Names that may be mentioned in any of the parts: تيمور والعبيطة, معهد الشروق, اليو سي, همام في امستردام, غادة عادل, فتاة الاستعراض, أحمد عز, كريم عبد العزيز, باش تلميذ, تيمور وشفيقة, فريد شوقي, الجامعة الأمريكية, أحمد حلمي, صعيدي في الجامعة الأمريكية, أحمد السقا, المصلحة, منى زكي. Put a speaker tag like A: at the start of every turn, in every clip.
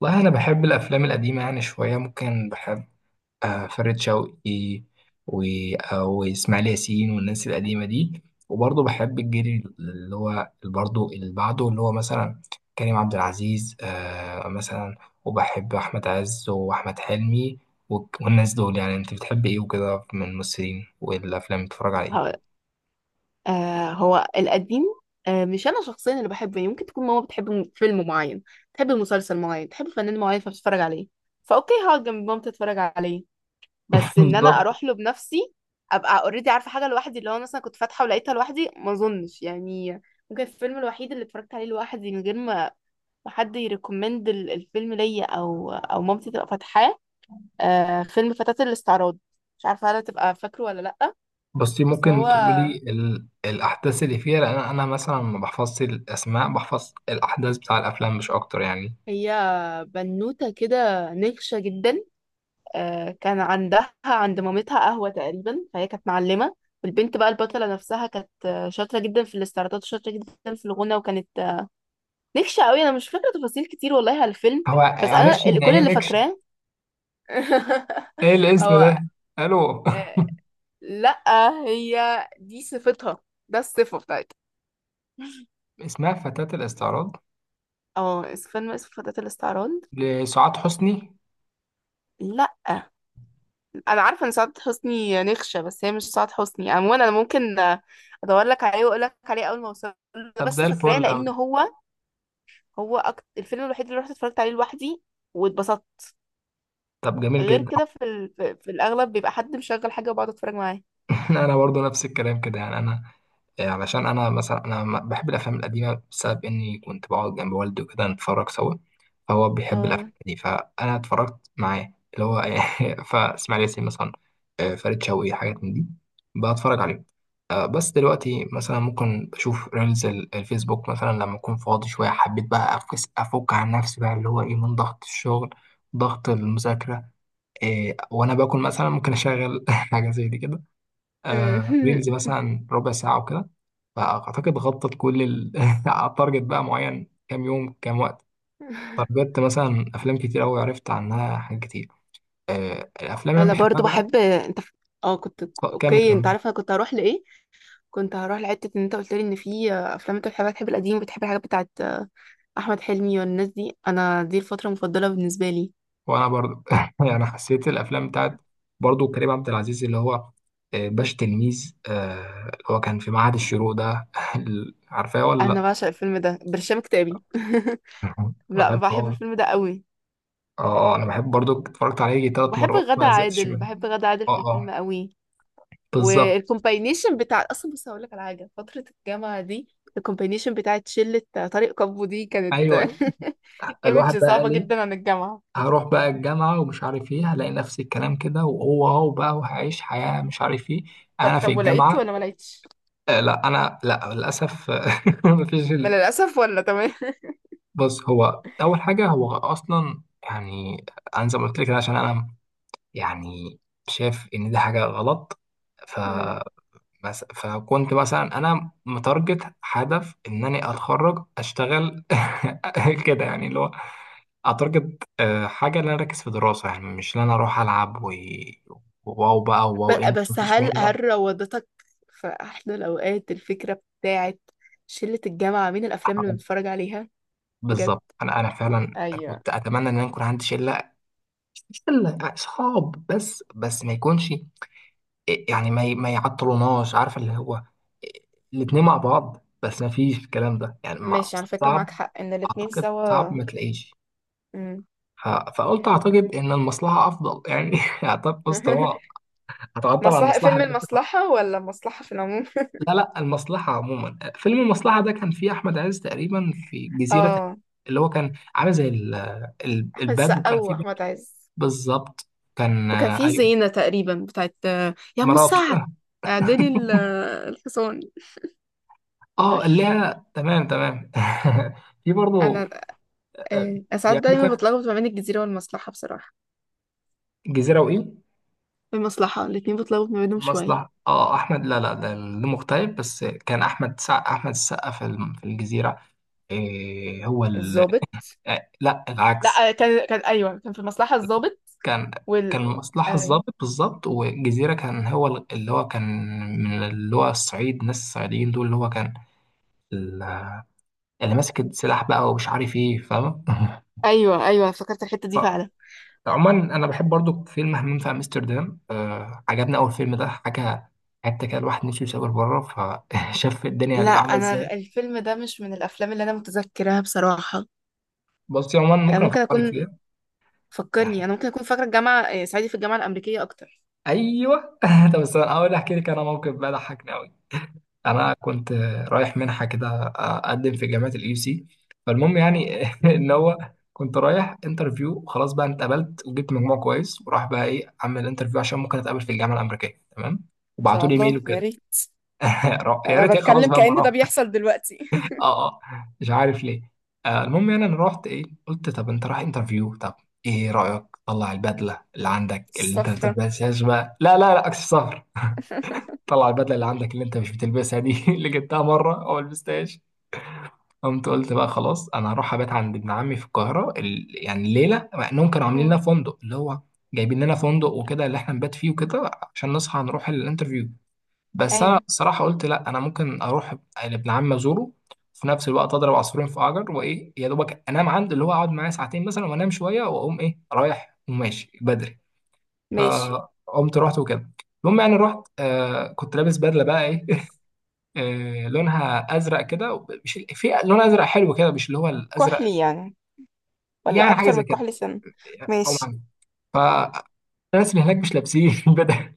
A: والله أنا بحب الأفلام القديمة يعني شوية ممكن بحب فريد شوقي. و- وإسماعيل ياسين والناس القديمة دي. وبرضه بحب الجيل اللي هو برضه اللي بعده اللي هو مثلا كريم عبد العزيز مثلا. وبحب أحمد عز وأحمد حلمي والناس دول. يعني أنت بتحب إيه وكده من الممثلين والأفلام بتتفرج على إيه؟
B: هو هو القديم. مش انا شخصيا اللي بحبه، يعني ممكن تكون ماما بتحب فيلم معين، تحب مسلسل معين، تحب فنان معين، فبتتفرج عليه، فاوكي هقعد جنب مامتي اتفرج عليه. بس ان انا
A: بالظبط.
B: اروح له بنفسي ابقى اوريدي عارفه حاجه لوحدي، اللي هو مثلا كنت فاتحه ولقيتها لوحدي، ما اظنش يعني. ممكن الفيلم الوحيد اللي اتفرجت عليه لوحدي من غير ما حد يريكومند الفيلم ليا، او مامتي تبقى فاتحاه، فيلم فتاة الاستعراض. مش عارفه هل تبقى فاكره ولا لا.
A: بصي
B: بس
A: ممكن تقولي الأحداث اللي فيها، لأن أنا مثلا ما بحفظش الأسماء، بحفظ الأحداث بتاع الأفلام مش أكتر يعني.
B: هي بنوتة كده نكشة جدا. كان عندها عند مامتها قهوة تقريبا، فهي كانت معلمة. والبنت بقى البطلة نفسها كانت شاطرة جدا في الاستعراضات، وشاطرة جدا في الغنى، وكانت نكشة قوي. أنا مش فاكرة تفاصيل كتير والله على الفيلم،
A: هو
B: بس أنا
A: معلش، يعني
B: كل
A: إيه
B: اللي
A: نكشة؟
B: فاكراه.
A: إيه الاسم
B: هو
A: ده؟ ألو.
B: آه، لأ، هي دي صفتها، ده الصفة بتاعتها.
A: اسمها فتاة الاستعراض؟
B: اه، فيلم اسمه فتاة الاستعراض.
A: لسعاد حسني؟
B: لأ، انا عارفه ان سعاد حسني نخشه، بس هي مش سعاد حسني. عموما انا ممكن ادور لك عليه واقول لك عليه اول ما اوصل له،
A: طب
B: بس
A: زي
B: فاكراه
A: الفل
B: لان
A: أوي.
B: هو الفيلم الوحيد اللي رحت اتفرجت عليه لوحدي واتبسطت.
A: طب جميل
B: غير
A: جدا.
B: كده في ال... في في الاغلب بيبقى حد مشغل حاجه وبقعد اتفرج معاه.
A: انا برضو نفس الكلام كده يعني انا. علشان انا مثلا انا بحب الافلام القديمه بسبب اني كنت بقعد جنب والدي وكده نتفرج سوا. فهو بيحب
B: اه.
A: الافلام دي فانا اتفرجت معاه اللي هو. فاسماعيل ياسين مثلا، فريد شوقي، حاجات من دي، بتفرج عليهم. بس دلوقتي مثلا ممكن بشوف ريلز الفيسبوك مثلا لما اكون فاضي شويه، حبيت بقى افك عن نفسي بقى، اللي هو ايه، من ضغط الشغل، ضغط المذاكره. وانا باكل مثلا ممكن اشغل حاجه زي دي كده، ريلز مثلا ربع ساعة وكده. فأعتقد غطت كل ال التارجت بقى، معين كام يوم كام وقت. تارجت مثلا أفلام كتير أوي، عرفت عنها حاجات كتير، الأفلام اللي أنا
B: انا
A: بحبها
B: برضو
A: بقى.
B: بحب. انت اه كنت
A: كمل
B: اوكي؟
A: كمل.
B: انت عارفه انا كنت هروح لايه، كنت هروح لحته ان انت قلت لي ان في افلام انت بتحبها، بتحب القديم وبتحب الحاجات بتاعت احمد حلمي والناس دي. انا دي الفتره المفضله بالنسبه لي.
A: وأنا برضو. يعني حسيت الأفلام بتاعت، برضو كريم عبد العزيز اللي هو باش تلميذ، اللي هو كان في معهد الشروق ده. عارفاه ولا
B: انا
A: لأ؟
B: بعشق الفيلم ده برشام كتابي. لا،
A: بحبه
B: بحب
A: أوي.
B: الفيلم ده قوي.
A: اه اه، انا بحب برضو، اتفرجت عليه تلات
B: وبحب
A: مرات
B: غادة
A: ما زهقتش
B: عادل،
A: منه.
B: بحب غادة عادل
A: اه
B: في الفيلم
A: اه
B: قوي.
A: بالظبط.
B: والكومباينيشن بتاع، اصلا بص هقول لك على حاجه، فتره الجامعه دي، الكومباينيشن بتاعت شله طارق كابو دي كانت
A: ايوه الواحد
B: ايمج
A: بقى
B: صعبه
A: قال ايه،
B: جدا عن الجامعه.
A: هروح بقى الجامعة ومش عارف ايه، هلاقي نفس الكلام كده وهو هو بقى، وهعيش حياة مش عارف ايه.
B: طب
A: انا في
B: طب ولقيت
A: الجامعة.
B: ولا ما لقيتش؟
A: لا انا لا للأسف. مفيش
B: ما للاسف ولا تمام؟
A: بص، هو اول حاجة هو اصلا يعني، انا زي ما قلت لك كده، عشان انا يعني شايف ان دي حاجة غلط. ف
B: مم.
A: فكنت مثلا انا متارجت هدف ان انا اتخرج اشتغل، كده يعني، اللي هو اعتقد حاجه اللي انا اركز في دراسه يعني، مش اللي انا اروح العب واو بقى واو،
B: ب-
A: انت
B: بس
A: مفيش
B: هل
A: منك.
B: هل روضتك في احلى الاوقات الفكره بتاعت شله الجامعه، مين الافلام اللي بنتفرج عليها؟ بجد.
A: بالظبط، انا فعلا
B: ايوه،
A: كنت اتمنى ان انا يكون عندي شله. مش شله اصحاب بس ما يكونش، يعني ما يعطلوناش، عارف، اللي هو الاتنين مع بعض، بس ما فيش الكلام ده يعني
B: ماشي على فكرة، معاك
A: صعب،
B: حق ان الاتنين
A: اعتقد صعب
B: سوا.
A: ما تلاقيش.
B: مم.
A: فقلت اعتقد ان المصلحه افضل يعني، اعتقد بص، طالما هتعطل عن
B: مصلحة!
A: المصلحه.
B: فيلم المصلحة ولا مصلحة في العموم؟
A: لا لا، المصلحة عموما. فيلم المصلحة ده كان فيه أحمد عز تقريبا في جزيرة،
B: اه،
A: اللي هو كان عامل زي
B: احمد
A: الباد،
B: السقا
A: وكان فيه باد،
B: واحمد عز.
A: بالظبط. كان
B: وكان في
A: أيوه،
B: زينة تقريبا بتاعت يا ام
A: مراته.
B: سعد، اعدلي الحصان.
A: اه اللي هي تمام تمام. في برضه
B: انا
A: آه،
B: آه، أنا ساعات
A: بيعملوا
B: دايما
A: كده.
B: بتلخبط ما بين الجزيرة والمصلحة بصراحة.
A: جزيرة وإيه؟
B: في المصلحة الاتنين بتلخبط ما بينهم شوية.
A: مصلحة. اه أحمد، لا لا، ده مغترب. بس كان أحمد أحمد السقا في في الجزيرة. إيه هو
B: الظابط؟
A: لا
B: لا
A: العكس.
B: كان، ايوه، كان في المصلحة الضابط.
A: كان كان
B: وال
A: مصلحة
B: آه،
A: الضابط بالظبط، والجزيرة كان هو اللي هو كان من اللي هو الصعيد، الناس الصعيديين دول اللي هو كان ال- اللي ماسك السلاح بقى ومش عارف ايه، فاهم.
B: ايوه ايوه، افتكرت الحتة دي
A: آه،
B: فعلا.
A: عموما انا بحب برضو فيلم همام في امستردام، عجبني اول فيلم ده حاجة، حتى كده الواحد نفسه يسافر بره فشاف الدنيا
B: لا،
A: هتبقى عاملة
B: انا
A: ازاي.
B: الفيلم ده مش من الافلام اللي انا متذكراها بصراحه.
A: بصي عموما ممكن
B: ممكن
A: افكرك
B: اكون،
A: فيها
B: فكرني،
A: يعني.
B: انا ممكن اكون فاكره الجامعه. صعيدي في الجامعه الامريكيه اكتر.
A: ايوه. طب بس انا اول احكي لك انا موقف بقى ضحكني.
B: مم.
A: انا كنت رايح منحه كده، اقدم في جامعه اليو سي، فالمهم
B: ان
A: يعني، ان هو كنت رايح انترفيو وخلاص بقى. أنا اتقبلت وجبت مجموع كويس، وراح بقى ايه، اعمل انترفيو عشان ممكن اتقابل في الجامعه الامريكيه، تمام، وبعتوا
B: شاء
A: لي
B: الله،
A: ايميل
B: يا
A: وكده.
B: ريت.
A: يا ريت
B: انا
A: ايه، خلاص
B: بتكلم
A: بقى، ما
B: كأن
A: اروح.
B: ده بيحصل دلوقتي.
A: اه اه، مش عارف ليه. المهم يعني، انا رحت ايه، قلت طب انت رايح انترفيو، طب ايه رايك طلع البدله اللي عندك اللي انت ما
B: الصفرة.
A: بتلبسهاش بقى، لا لا لا عكس السفر، طلع البدله اللي عندك اللي انت مش بتلبسها دي اللي جبتها مره او لبستهاش. قمت قلت بقى خلاص، انا هروح ابات عند ابن عمي في القاهره يعني ليله، مع انهم كانوا عاملين لنا
B: مم.
A: فندق، اللي هو جايبين لنا فندق وكده اللي احنا نبات فيه وكده عشان نصحى نروح الانترفيو. بس انا
B: ايوه،
A: الصراحه قلت لا، انا ممكن اروح لابن عمي ازوره في نفس الوقت، اضرب عصفورين في حجر، وايه يا دوبك انام عنده، اللي هو اقعد معاه ساعتين مثلا وانام شويه واقوم ايه رايح وماشي بدري.
B: ماشي.
A: فقمت رحت وكده. المهم يعني رحت، كنت لابس بدله بقى ايه، لونها ازرق كده مش في لون ازرق حلو كده مش اللي هو الازرق،
B: كحلي يعني ولا
A: يعني حاجه
B: اكتر
A: زي
B: من
A: كده،
B: كحلي سنة؟
A: او
B: ماشي.
A: معنى. فالناس اللي هناك مش لابسين بدل.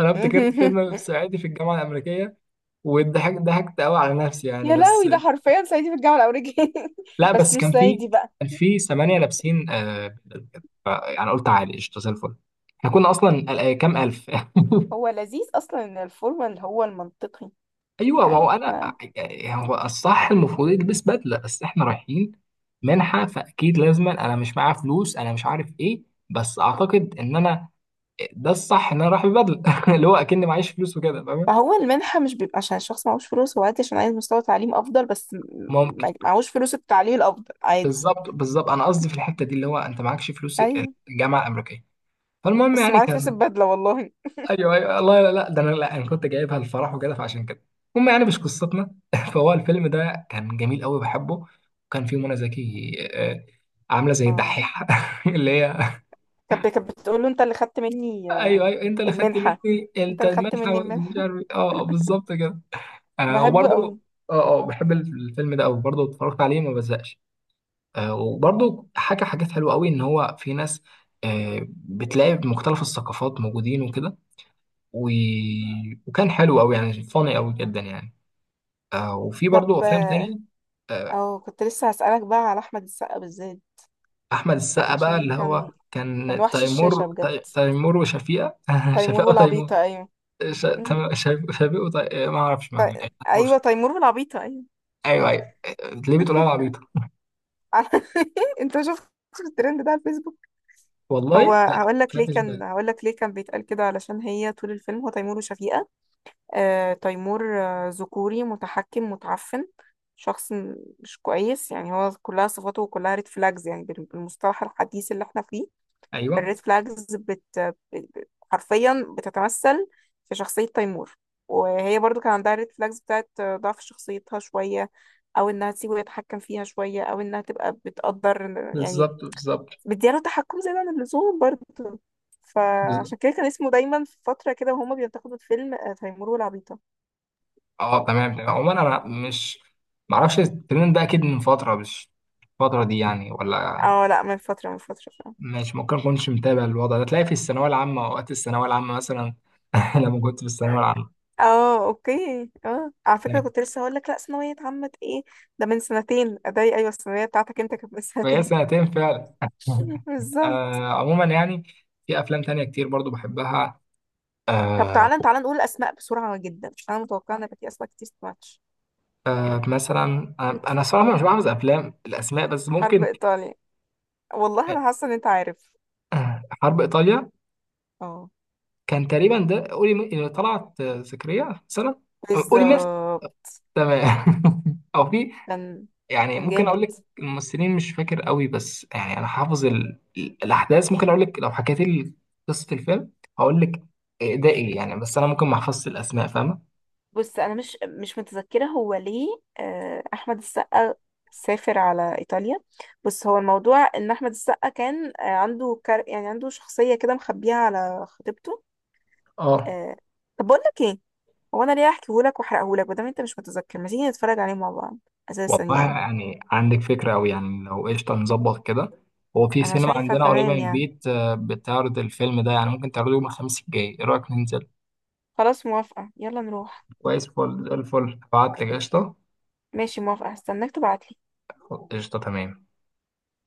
A: انا افتكرت فيلم صعيدي في الجامعه الامريكيه، وضحكت ضحكت قوي على نفسي يعني.
B: يا
A: بس
B: لهوي، ده حرفيا صعيدي في الجامعة الأمريكية.
A: لا
B: بس
A: بس
B: مش
A: كان في
B: صعيدي بقى.
A: كان في 8 لابسين بدل كده يعني قلت عادي، قشطه زي الفل. احنا كنا اصلا كام الف.
B: هو لذيذ أصلا إن الفورمال هو المنطقي.
A: ايوه ما هو
B: يعني
A: انا
B: احنا،
A: يعني، هو الصح المفروض يلبس بدله، بس احنا رايحين منحه فاكيد، لازما انا مش معايا فلوس، انا مش عارف ايه، بس اعتقد ان انا ده الصح ان انا رايح ببدله، اللي هو اكني معيش فلوس وكده، فاهم.
B: فهو المنحة مش بيبقى عشان الشخص معهوش فلوس، هو عادي عشان عايز مستوى تعليم أفضل، بس
A: ممكن،
B: معهوش فلوس، التعليم الأفضل عادي.
A: بالظبط بالظبط، انا قصدي في الحته دي اللي هو انت معكش فلوس
B: أيوة.
A: الجامعه الامريكيه. فالمهم
B: بس
A: يعني
B: معاه فلوس
A: كان،
B: البدلة والله.
A: ايوه ايوه، الله، لا لا، ده انا، لا انا كنت جايبها الفرح وكده فعشان كده. المهم يعني مش قصتنا. فهو الفيلم ده كان جميل قوي، بحبه، وكان فيه منى زكي عامله زي
B: اه،
A: الدحيحه اللي هي
B: كانت بتقول له أنت اللي خدت مني
A: ايوه ايوه انت اللي خدت
B: المنحة،
A: مني،
B: أنت
A: انت
B: اللي خدت مني
A: المدفع مش
B: المنحة.
A: عارف إيه. اه بالظبط كده.
B: بحبه
A: وبرده،
B: أوي.
A: اه اه، بحب الفيلم ده قوي برضه، اتفرجت عليه ما بزهقش. وبرضه حكى حاجات حلوه قوي، ان هو في ناس بتلاقي مختلف الثقافات موجودين وكده و... وكان حلو قوي يعني، فاني قوي جدا يعني. وفي
B: طب
A: برضو افلام تاني. آه
B: أه، كنت لسه هسألك بقى على أحمد السقا بالذات.
A: احمد السقا بقى
B: عشان
A: اللي هو
B: كان
A: كان
B: وحش الشاشة
A: تيمور،
B: بجد.
A: تيمور وشفيقة.
B: تيمور
A: شفيقة وتيمور،
B: والعبيطة، أيوة.
A: شفيق ما اعرفش معنى إيه. تيمور
B: أيوة،
A: وشفيقة.
B: تيمور والعبيطة، أيوة.
A: ايوه ايوه، ليه بتقولها العبيطة؟
B: على- أنت شفت الترند ده على الفيسبوك؟ هو
A: والله لا،
B: هقول لك ليه
A: خدتش
B: كان
A: بالي.
B: هقول لك ليه كان بيتقال كده. علشان هي طول الفيلم، هو تيمور وشفيقة. تيمور ذكوري، متحكم، متعفن، شخص مش كويس يعني. هو كلها، صفاته كلها ريد فلاجز يعني، بالمصطلح الحديث اللي احنا فيه. الريد
A: ايوه
B: فلاجز حرفيا بتتمثل في شخصية تيمور. وهي برضو كان عندها ريد فلاجز بتاعت ضعف شخصيتها شوية، او انها تسيبه يتحكم فيها شوية، او انها تبقى بتقدر يعني
A: بالظبط بالظبط
B: مدياله تحكم زيادة عن اللزوم برضه.
A: بالظبط.
B: فعشان كده كان اسمه دايما في فترة كده وهما بينتقدوا الفيلم تيمور والعبيطة.
A: اه تمام تمام، عموما انا مش معرفش الترند ده، اكيد من فترة مش الفترة دي يعني ولا.
B: اه لا، من فترة، من فترة فعلا.
A: مش ممكن اكونش متابع الوضع ده، تلاقي في الثانوية العامة، اوقات الثانوية العامة مثلا لما كنت في الثانوية العامة.
B: اه اوكي، اه على فكرة،
A: تمام.
B: كنت لسه هقول لك لا، ثانوية عامة ايه؟ ده من سنتين اداي؟ ايوه، الثانوية بتاعتك انت كانت من
A: فهي
B: سنتين.
A: سنتين فعلا.
B: بالظبط.
A: عموما يعني في افلام تانية كتير برضو بحبها.
B: طب
A: آه
B: تعالى تعالى نقول اسماء بسرعة جدا، عشان انا متوقعة ان يبقى في اسماء كتير ماتش.
A: مثلا،
B: تيتو.
A: انا صراحة مش بحفظ افلام الاسماء بس
B: حرب
A: ممكن.
B: ايطاليا. والله انا حاسة ان انت عارف.
A: حرب ايطاليا
B: اه،
A: كان تقريبا ده، قولي اللي طلعت سكرية مثلا. قولي مس،
B: بالظبط،
A: تمام. او في
B: كان
A: يعني،
B: كان
A: ممكن
B: جامد.
A: اقول لك الممثلين مش فاكر قوي، بس يعني انا حافظ الاحداث. ممكن اقول لك لو حكيت لي قصة الفيلم، هقول لك ده ايه يعني، بس انا ممكن ما احفظش الاسماء، فاهمة.
B: بص، انا مش متذكره هو ليه. احمد السقا سافر على ايطاليا، بس هو الموضوع ان احمد السقا كان عنده يعني عنده شخصيه كده مخبيها على خطيبته.
A: اه
B: آه، طب بقول لك ايه، هو انا ليه احكيه لك واحرقه لك؟ بدل انت مش متذكر، ما تيجي نتفرج عليه مع بعض اساسا
A: والله
B: يعني.
A: يعني عندك فكرة أوي يعني، لو قشطة نظبط كده. هو في
B: انا
A: سينما
B: شايفه
A: عندنا قريبة
B: تمام
A: من
B: يعني،
A: البيت بتعرض الفيلم ده، يعني ممكن تعرضه يوم الخميس الجاي، إيه رأيك ننزل؟
B: خلاص موافقه يلا نروح.
A: كويس، فل الفل، هبعتلك قشطة.
B: ماشي، موافقه، هستناك تبعتلي.
A: قشطة تمام.